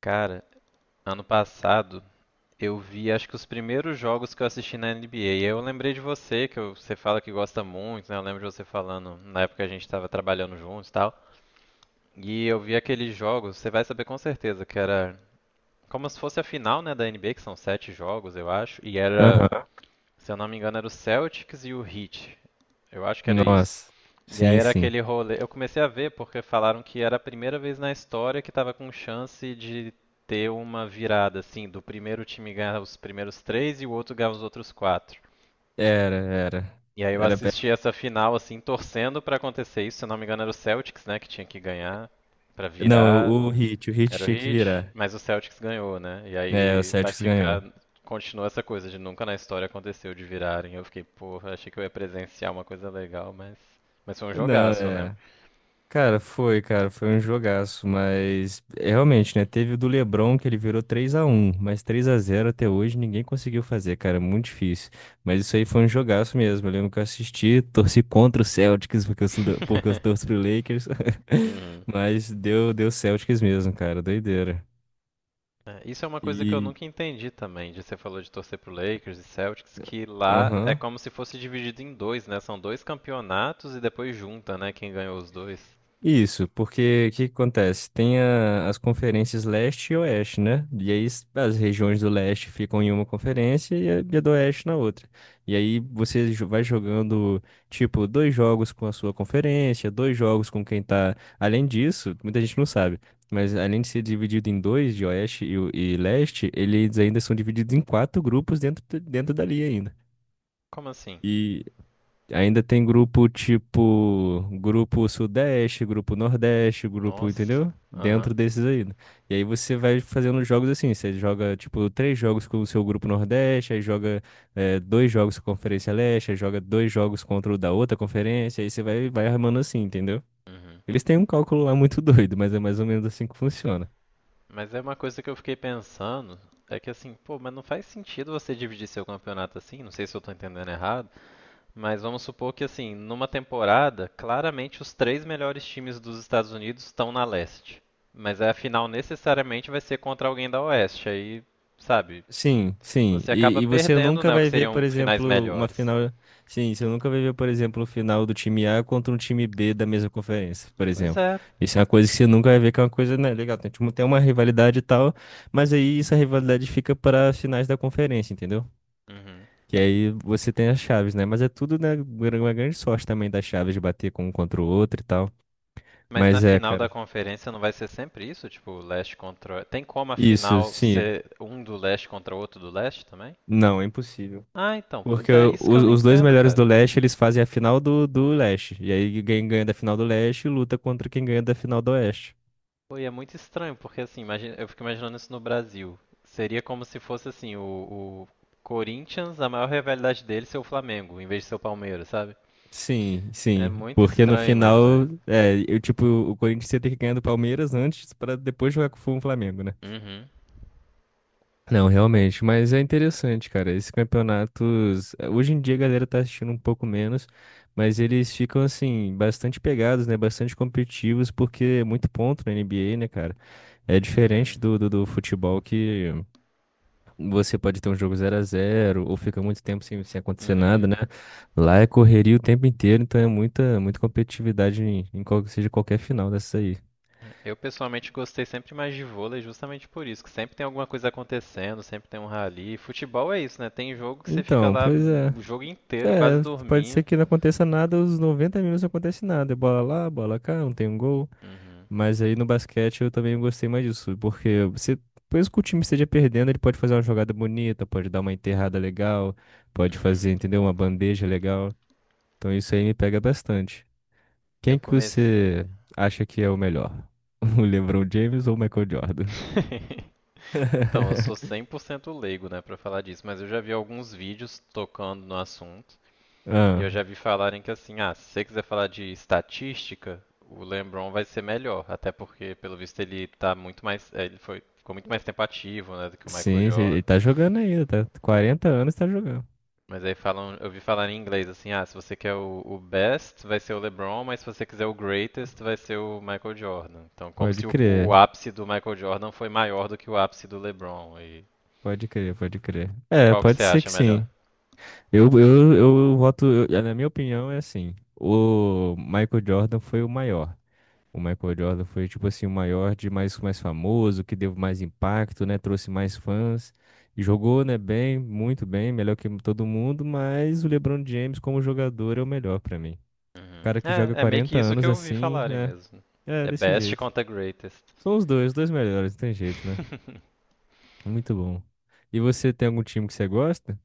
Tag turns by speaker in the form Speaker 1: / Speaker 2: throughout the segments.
Speaker 1: Cara, ano passado eu vi acho que os primeiros jogos que eu assisti na NBA. E eu lembrei de você, que você fala que gosta muito, né? Eu lembro de você falando na época que a gente tava trabalhando juntos e tal. E eu vi aqueles jogos, você vai saber com certeza, que era como se fosse a final, né, da NBA, que são sete jogos, eu acho. E era,
Speaker 2: Aham.
Speaker 1: se eu não me engano, era o Celtics e o Heat. Eu acho que era isso.
Speaker 2: Nossa.
Speaker 1: E aí
Speaker 2: Sim,
Speaker 1: era
Speaker 2: sim.
Speaker 1: aquele rolê. Eu comecei a ver porque falaram que era a primeira vez na história que tava com chance de ter uma virada, assim, do primeiro time ganhar os primeiros três e o outro ganhar os outros quatro.
Speaker 2: Era, era.
Speaker 1: E aí eu
Speaker 2: Era. pe-
Speaker 1: assisti essa final, assim, torcendo pra acontecer isso. Se eu não me engano, era o Celtics, né, que tinha que ganhar pra
Speaker 2: Não,
Speaker 1: virar.
Speaker 2: o Hit
Speaker 1: Era o
Speaker 2: tinha que
Speaker 1: Heat,
Speaker 2: virar.
Speaker 1: mas o Celtics ganhou, né? E
Speaker 2: É, o
Speaker 1: aí vai
Speaker 2: Celtics ganhou.
Speaker 1: ficar. Continua essa coisa de nunca na história aconteceu de virarem. Eu fiquei, porra, achei que eu ia presenciar uma coisa legal, mas. Mas foi um
Speaker 2: Não,
Speaker 1: jogaço, né?
Speaker 2: é. Cara, foi um jogaço, mas é, realmente, né? Teve o do LeBron que ele virou 3-1, mas 3-0 até hoje ninguém conseguiu fazer, cara, é muito difícil. Mas isso aí foi um jogaço mesmo. Eu lembro que eu assisti, torci contra o Celtics porque eu torço pro Lakers,
Speaker 1: Uhum.
Speaker 2: mas deu Celtics mesmo, cara, doideira.
Speaker 1: É, isso é uma coisa que eu nunca entendi também, de você falou de torcer pro Lakers e Celtics, que lá é
Speaker 2: Aham.
Speaker 1: como se fosse dividido em dois, né? São dois campeonatos e depois junta, né, quem ganhou os dois.
Speaker 2: Isso, porque o que que acontece? Tem as conferências leste e oeste, né? E aí as regiões do leste ficam em uma conferência e a do oeste na outra. E aí você vai jogando, tipo, dois jogos com a sua conferência, dois jogos com quem tá. Além disso, muita gente não sabe, mas além de ser dividido em dois, de oeste e leste, eles ainda são divididos em quatro grupos dentro dali ainda.
Speaker 1: Como assim?
Speaker 2: Ainda tem grupo, tipo, grupo Sudeste, grupo Nordeste, grupo,
Speaker 1: Nossa.
Speaker 2: entendeu?
Speaker 1: Aham.
Speaker 2: Dentro desses aí, né? E aí você vai fazendo jogos assim, você joga tipo três jogos com o seu grupo Nordeste, aí joga dois jogos com a Conferência Leste, aí joga dois jogos contra o da outra conferência, aí você vai armando assim, entendeu?
Speaker 1: Uhum.
Speaker 2: Eles têm um cálculo lá muito doido, mas é mais ou menos assim que funciona.
Speaker 1: Mas é uma coisa que eu fiquei pensando, é que assim, pô, mas não faz sentido você dividir seu campeonato assim, não sei se eu tô entendendo errado. Mas vamos supor que, assim, numa temporada, claramente os três melhores times dos Estados Unidos estão na leste. Mas aí a final necessariamente vai ser contra alguém da oeste. Aí, sabe,
Speaker 2: Sim, sim.
Speaker 1: você
Speaker 2: E,
Speaker 1: acaba
Speaker 2: e você
Speaker 1: perdendo,
Speaker 2: nunca
Speaker 1: né, o que
Speaker 2: vai ver, por
Speaker 1: seriam finais
Speaker 2: exemplo, uma
Speaker 1: melhores.
Speaker 2: final. Sim, você nunca vai ver, por exemplo, o final do time A contra um time B da mesma conferência, por
Speaker 1: Pois
Speaker 2: exemplo.
Speaker 1: é.
Speaker 2: Isso é uma coisa que você nunca vai ver, que é uma coisa, né, legal. Tem tipo, tem uma rivalidade e tal, mas aí essa rivalidade fica para as finais da conferência, entendeu?
Speaker 1: Uhum.
Speaker 2: Que aí você tem as chaves, né? Mas é tudo, né, uma grande sorte também das chaves de bater com um contra o outro e tal.
Speaker 1: Mas na
Speaker 2: Mas é,
Speaker 1: final da
Speaker 2: cara.
Speaker 1: conferência não vai ser sempre isso? Tipo, leste contra. Tem como a
Speaker 2: Isso,
Speaker 1: final
Speaker 2: sim.
Speaker 1: ser um do leste contra outro do leste também?
Speaker 2: Não, é impossível.
Speaker 1: Ah, então,
Speaker 2: Porque
Speaker 1: pois é,
Speaker 2: o-
Speaker 1: isso que eu
Speaker 2: os,
Speaker 1: não
Speaker 2: os dois
Speaker 1: entendo,
Speaker 2: melhores
Speaker 1: cara.
Speaker 2: do leste, eles fazem a final do leste. E aí quem ganha da final do leste luta contra quem ganha da final do oeste.
Speaker 1: Pô, e é muito estranho, porque assim, imagina, eu fico imaginando isso no Brasil. Seria como se fosse assim, o Corinthians, a maior rivalidade dele ser o Flamengo, em vez de ser o Palmeiras, sabe?
Speaker 2: Sim,
Speaker 1: É
Speaker 2: sim.
Speaker 1: muito
Speaker 2: Porque no
Speaker 1: estranho imaginar
Speaker 2: final,
Speaker 1: isso.
Speaker 2: é, eu, tipo, o Corinthians ia ter que ganhar do Palmeiras antes pra depois jogar com o Flamengo, né?
Speaker 1: Uhum,
Speaker 2: Não, realmente. Mas é interessante, cara. Esses campeonatos. Hoje em dia a galera tá assistindo um pouco menos, mas eles ficam, assim, bastante pegados, né? Bastante competitivos, porque é muito ponto na NBA, né, cara? É
Speaker 1: uhum,
Speaker 2: diferente do futebol que Você pode ter um jogo zero a zero ou fica muito tempo sem acontecer nada,
Speaker 1: uhum.
Speaker 2: né? Lá é correria o tempo inteiro, então é muita, muita competitividade em qual que seja qualquer final dessa aí.
Speaker 1: Eu pessoalmente gostei sempre mais de vôlei justamente por isso, que sempre tem alguma coisa acontecendo, sempre tem um rally. Futebol é isso, né? Tem jogo que você fica
Speaker 2: Então,
Speaker 1: lá
Speaker 2: pois é.
Speaker 1: o jogo inteiro, quase
Speaker 2: É, pode ser
Speaker 1: dormindo.
Speaker 2: que não aconteça nada, os 90 minutos não acontece nada. É bola lá, bola cá, não tem um gol.
Speaker 1: Uhum,
Speaker 2: Mas aí no basquete eu também gostei mais disso, porque você, mesmo que o time esteja perdendo, ele pode fazer uma jogada bonita, pode dar uma enterrada legal, pode
Speaker 1: uhum.
Speaker 2: fazer, entendeu? Uma bandeja legal. Então isso aí me pega bastante.
Speaker 1: Eu
Speaker 2: Quem que
Speaker 1: comecei.
Speaker 2: você acha que é o melhor? O LeBron James ou o Michael Jordan?
Speaker 1: Então, eu sou 100% leigo, né, pra falar disso, mas eu já vi alguns vídeos tocando no assunto e eu
Speaker 2: Ah,
Speaker 1: já vi falarem que assim, ah, se você quiser falar de estatística, o LeBron vai ser melhor, até porque pelo visto ele tá muito mais, ele foi ficou muito mais tempo ativo, né, do que o Michael
Speaker 2: sim, sim, ele
Speaker 1: Jordan.
Speaker 2: tá jogando ainda, tá? 40 anos tá jogando.
Speaker 1: Mas aí falam, eu vi falar em inglês assim, ah, se você quer o, best, vai ser o LeBron, mas se você quiser o greatest, vai ser o Michael Jordan. Então, como
Speaker 2: Pode
Speaker 1: se o
Speaker 2: crer,
Speaker 1: ápice do Michael Jordan foi maior do que o ápice do LeBron. E
Speaker 2: pode crer, pode crer. É,
Speaker 1: qual que você
Speaker 2: pode ser
Speaker 1: acha
Speaker 2: que
Speaker 1: melhor?
Speaker 2: sim. Eu voto, na minha opinião, é assim. O Michael Jordan foi o maior. O Michael Jordan foi, tipo assim, o maior de mais famoso, que deu mais impacto, né? Trouxe mais fãs. E jogou, né, bem, muito bem, melhor que todo mundo, mas o LeBron James como jogador é o melhor pra mim. O
Speaker 1: Uhum.
Speaker 2: cara que joga
Speaker 1: É, é meio
Speaker 2: 40
Speaker 1: que isso que
Speaker 2: anos
Speaker 1: eu ouvi
Speaker 2: assim,
Speaker 1: falarem
Speaker 2: é,
Speaker 1: mesmo.
Speaker 2: é
Speaker 1: É
Speaker 2: desse
Speaker 1: best
Speaker 2: jeito.
Speaker 1: contra greatest.
Speaker 2: São os dois melhores, não tem jeito, né? Muito bom. E você tem algum time que você gosta?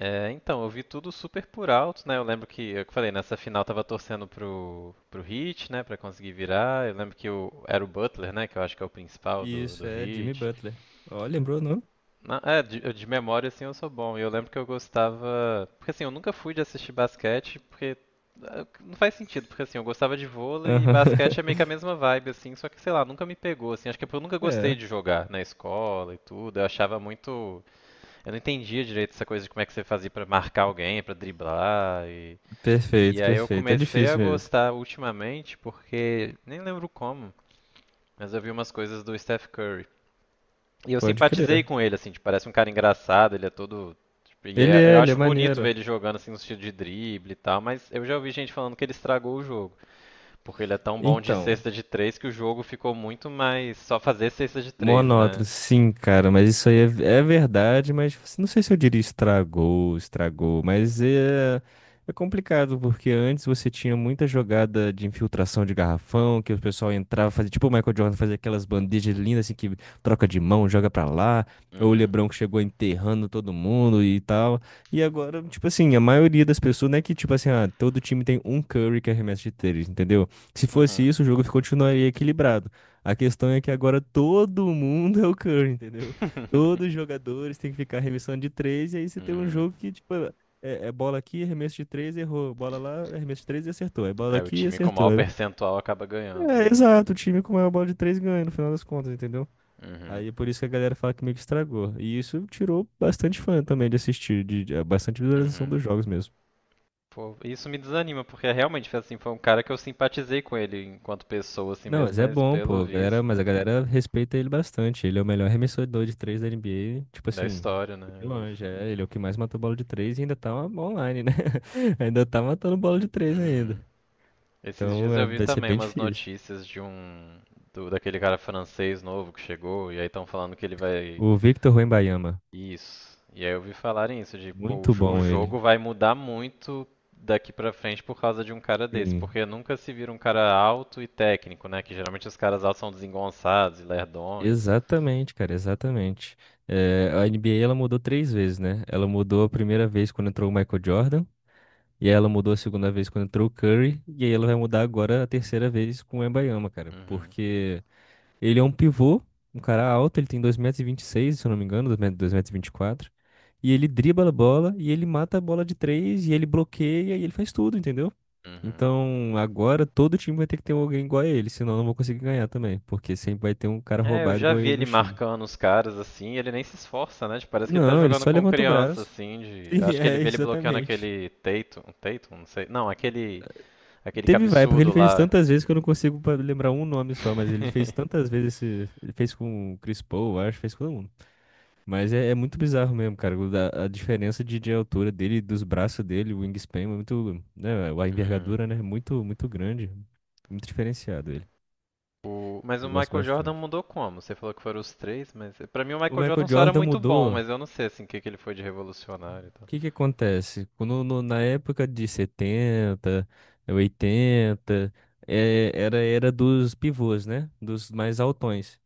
Speaker 1: É, então, eu vi tudo super por alto, né? Eu lembro que, eu que falei, nessa final eu tava torcendo pro, pro Heat, né? Pra conseguir virar. Eu lembro que o, era o Butler, né? Que eu acho que é o principal do,
Speaker 2: Isso,
Speaker 1: do
Speaker 2: é Jimmy
Speaker 1: Heat.
Speaker 2: Butler. Ó, lembrou o nome?
Speaker 1: É, de, de memória, assim, eu sou bom. E eu lembro que eu gostava. Porque, assim, eu nunca fui de assistir basquete, porque. Ah, não faz sentido, porque, assim, eu gostava de vôlei e
Speaker 2: Aham.
Speaker 1: basquete é meio que a mesma vibe, assim, só que, sei lá, nunca me pegou, assim. Acho que é porque eu nunca gostei
Speaker 2: É,
Speaker 1: de jogar na escola e tudo. Eu achava muito. Eu não entendia direito essa coisa de como é que você fazia pra marcar alguém, pra driblar. E
Speaker 2: perfeito,
Speaker 1: aí eu
Speaker 2: perfeito. É
Speaker 1: comecei a
Speaker 2: difícil mesmo.
Speaker 1: gostar ultimamente, porque. Nem lembro como, mas eu vi umas coisas do Steph Curry. E eu
Speaker 2: Pode
Speaker 1: simpatizei
Speaker 2: crer.
Speaker 1: com ele, assim, tipo, parece um cara engraçado, ele é todo. Tipo,
Speaker 2: Ele
Speaker 1: eu
Speaker 2: é, ele é
Speaker 1: acho bonito ver
Speaker 2: maneiro.
Speaker 1: ele jogando assim no estilo de drible e tal, mas eu já ouvi gente falando que ele estragou o jogo. Porque ele é tão bom de
Speaker 2: Então,
Speaker 1: cesta de três que o jogo ficou muito mais só fazer cesta de três, né?
Speaker 2: monótono, sim, cara, mas isso aí é verdade, mas tipo assim, não sei se eu diria estragou, estragou, mas é complicado, porque antes você tinha muita jogada de infiltração de garrafão, que o pessoal entrava, fazia tipo o Michael Jordan, fazia aquelas bandejas lindas assim, que troca de mão, joga pra lá, ou o
Speaker 1: Uhum.
Speaker 2: LeBron que chegou enterrando todo mundo e tal, e agora, tipo assim, a maioria das pessoas, não é que tipo assim, ah, todo time tem um Curry que arremessa de três, entendeu? Se fosse
Speaker 1: Uhum.
Speaker 2: isso, o jogo continuaria equilibrado. A questão é que agora todo mundo é o Curry, entendeu? Todos os jogadores têm que ficar arremessando de três, e aí você tem um
Speaker 1: Uhum.
Speaker 2: jogo que, tipo, é bola aqui, arremesso de três, errou. Bola lá, arremesso de três e acertou. É bola
Speaker 1: Aí o
Speaker 2: aqui e
Speaker 1: time com
Speaker 2: acertou.
Speaker 1: maior percentual acaba ganhando, né?
Speaker 2: Exato, o time com maior bola de três ganha, no final das contas, entendeu?
Speaker 1: Uhum.
Speaker 2: Aí é por isso que a galera fala que meio que estragou. E isso tirou bastante fã também de assistir, bastante visualização
Speaker 1: Uhum.
Speaker 2: dos jogos mesmo.
Speaker 1: Pô, isso me desanima, porque é realmente foi assim, foi um cara que eu simpatizei com ele enquanto pessoa, assim
Speaker 2: Não,
Speaker 1: mesmo,
Speaker 2: mas é
Speaker 1: mas
Speaker 2: bom,
Speaker 1: pelo
Speaker 2: pô. A
Speaker 1: visto
Speaker 2: Galera, mas a galera respeita ele bastante. Ele é o melhor arremessador de três da NBA. Tipo
Speaker 1: da
Speaker 2: assim,
Speaker 1: história, né? Eu
Speaker 2: de
Speaker 1: ouvi
Speaker 2: longe.
Speaker 1: falar.
Speaker 2: É, ele é o que mais matou bola de três e ainda tá online, né? Ainda tá matando bola de três ainda.
Speaker 1: Uhum. Esses
Speaker 2: Então
Speaker 1: dias
Speaker 2: é,
Speaker 1: eu vi
Speaker 2: vai ser
Speaker 1: também
Speaker 2: bem
Speaker 1: umas
Speaker 2: difícil.
Speaker 1: notícias de um do, daquele cara francês novo que chegou e aí estão falando que ele vai
Speaker 2: O Victor Wembanyama,
Speaker 1: isso. E aí eu vi falarem isso de pô, o,
Speaker 2: muito
Speaker 1: o
Speaker 2: bom ele.
Speaker 1: jogo vai mudar muito daqui pra frente por causa de um cara desse,
Speaker 2: Sim.
Speaker 1: porque nunca se vira um cara alto e técnico, né? Que geralmente os caras altos são desengonçados e lerdões.
Speaker 2: Exatamente, cara, exatamente. É, a NBA ela mudou três vezes, né? Ela mudou a primeira vez quando entrou o Michael Jordan. E aí ela mudou a segunda vez quando entrou o Curry, e aí ela vai mudar agora a terceira vez com o Wembanyama, cara.
Speaker 1: Uhum.
Speaker 2: Porque ele é um pivô, um cara alto, ele tem 2,26 m, se eu não me engano. 2,24 m. E vinte e quatro. E ele dribla a bola, e ele mata a bola de três, e ele bloqueia, e ele faz tudo, entendeu?
Speaker 1: Uhum.
Speaker 2: Então agora todo time vai ter que ter alguém igual a ele, senão eu não vou conseguir ganhar também. Porque sempre vai ter um cara
Speaker 1: É, eu
Speaker 2: roubado
Speaker 1: já
Speaker 2: igual a
Speaker 1: vi
Speaker 2: ele no
Speaker 1: ele
Speaker 2: time.
Speaker 1: marcando os caras assim, e ele nem se esforça, né? Tipo, parece que ele tá
Speaker 2: Não, ele
Speaker 1: jogando
Speaker 2: só
Speaker 1: com
Speaker 2: levanta o
Speaker 1: criança,
Speaker 2: braço.
Speaker 1: assim, de. Eu
Speaker 2: Sim,
Speaker 1: acho que ele
Speaker 2: é,
Speaker 1: vê ele bloqueando
Speaker 2: exatamente.
Speaker 1: aquele Tatum, Tatum, não sei. Não, aquele. Aquele
Speaker 2: Teve vai, porque ele
Speaker 1: cabeçudo
Speaker 2: fez
Speaker 1: lá.
Speaker 2: tantas vezes que eu não consigo lembrar um nome só, mas ele fez tantas vezes esse. Ele fez com o Chris Paul, eu acho, fez com todo mundo. Mas é muito bizarro mesmo, cara. A diferença de altura dele, dos braços dele, o wingspan, é muito, né, a
Speaker 1: Uhum.
Speaker 2: envergadura, né? É muito, grande. Muito diferenciado ele.
Speaker 1: O... Mas o
Speaker 2: Eu gosto
Speaker 1: Michael Jordan
Speaker 2: bastante.
Speaker 1: mudou como? Você falou que foram os três, mas pra mim o
Speaker 2: O
Speaker 1: Michael Jordan
Speaker 2: Michael
Speaker 1: só era
Speaker 2: Jordan
Speaker 1: muito bom,
Speaker 2: mudou. O
Speaker 1: mas eu não sei assim o que que ele foi de revolucionário e tal.
Speaker 2: que que acontece? Quando, no- Na época de setenta, oitenta, é, era a era dos pivôs, né? Dos mais altões.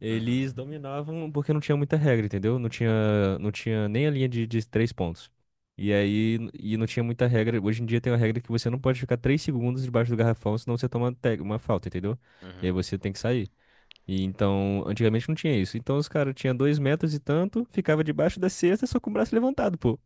Speaker 2: Eles
Speaker 1: Uhum.
Speaker 2: dominavam porque não tinha muita regra, entendeu? Não tinha nem a linha de três pontos. E aí, e não tinha muita regra. Hoje em dia tem uma regra que você não pode ficar 3 segundos debaixo do garrafão, senão você toma uma falta, entendeu? E aí
Speaker 1: Uhum.
Speaker 2: você tem que sair. E então, antigamente não tinha isso. Então os caras tinham 2 metros e tanto, ficava debaixo da cesta só com o braço levantado, pô.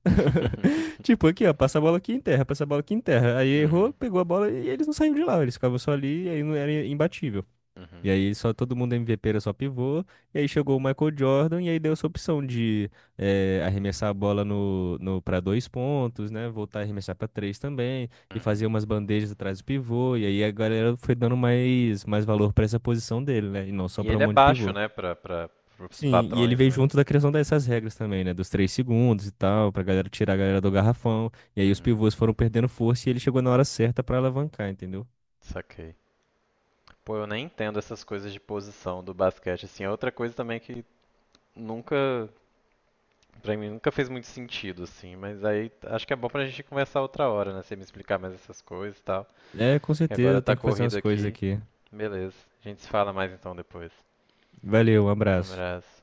Speaker 2: Tipo, aqui, ó, passa a bola aqui em terra, passa a bola aqui em terra. Aí errou,
Speaker 1: Uhum.
Speaker 2: pegou a bola e eles não saíam de lá, eles ficavam só ali e aí não era imbatível.
Speaker 1: Uhum.
Speaker 2: E aí só todo mundo MVP era só pivô. E aí chegou o Michael Jordan e aí deu essa opção de arremessar a bola no para dois pontos, né? Voltar a arremessar para três também e fazer
Speaker 1: Uhum.
Speaker 2: umas bandejas atrás do pivô. E aí a galera foi dando mais valor para essa posição dele, né? E não só
Speaker 1: E
Speaker 2: para um
Speaker 1: ele é
Speaker 2: monte de
Speaker 1: baixo,
Speaker 2: pivô.
Speaker 1: né, pra, pra, pros
Speaker 2: Sim, e ele
Speaker 1: padrões,
Speaker 2: veio
Speaker 1: né?
Speaker 2: junto da criação dessas regras também, né? Dos 3 segundos e tal, pra galera tirar a galera do garrafão. E aí os
Speaker 1: Uhum.
Speaker 2: pivôs foram perdendo força e ele chegou na hora certa pra alavancar, entendeu?
Speaker 1: Saquei. Pô, eu nem entendo essas coisas de posição do basquete, assim. É outra coisa também que nunca, pra mim, nunca fez muito sentido, assim. Mas aí acho que é bom pra gente conversar outra hora, né? Você me explicar mais essas coisas e tal.
Speaker 2: É, com
Speaker 1: E agora
Speaker 2: certeza,
Speaker 1: tá
Speaker 2: tem que fazer umas
Speaker 1: corrido
Speaker 2: coisas
Speaker 1: aqui.
Speaker 2: aqui.
Speaker 1: Beleza. A gente se fala mais então depois.
Speaker 2: Valeu, um
Speaker 1: Um
Speaker 2: abraço.
Speaker 1: abraço.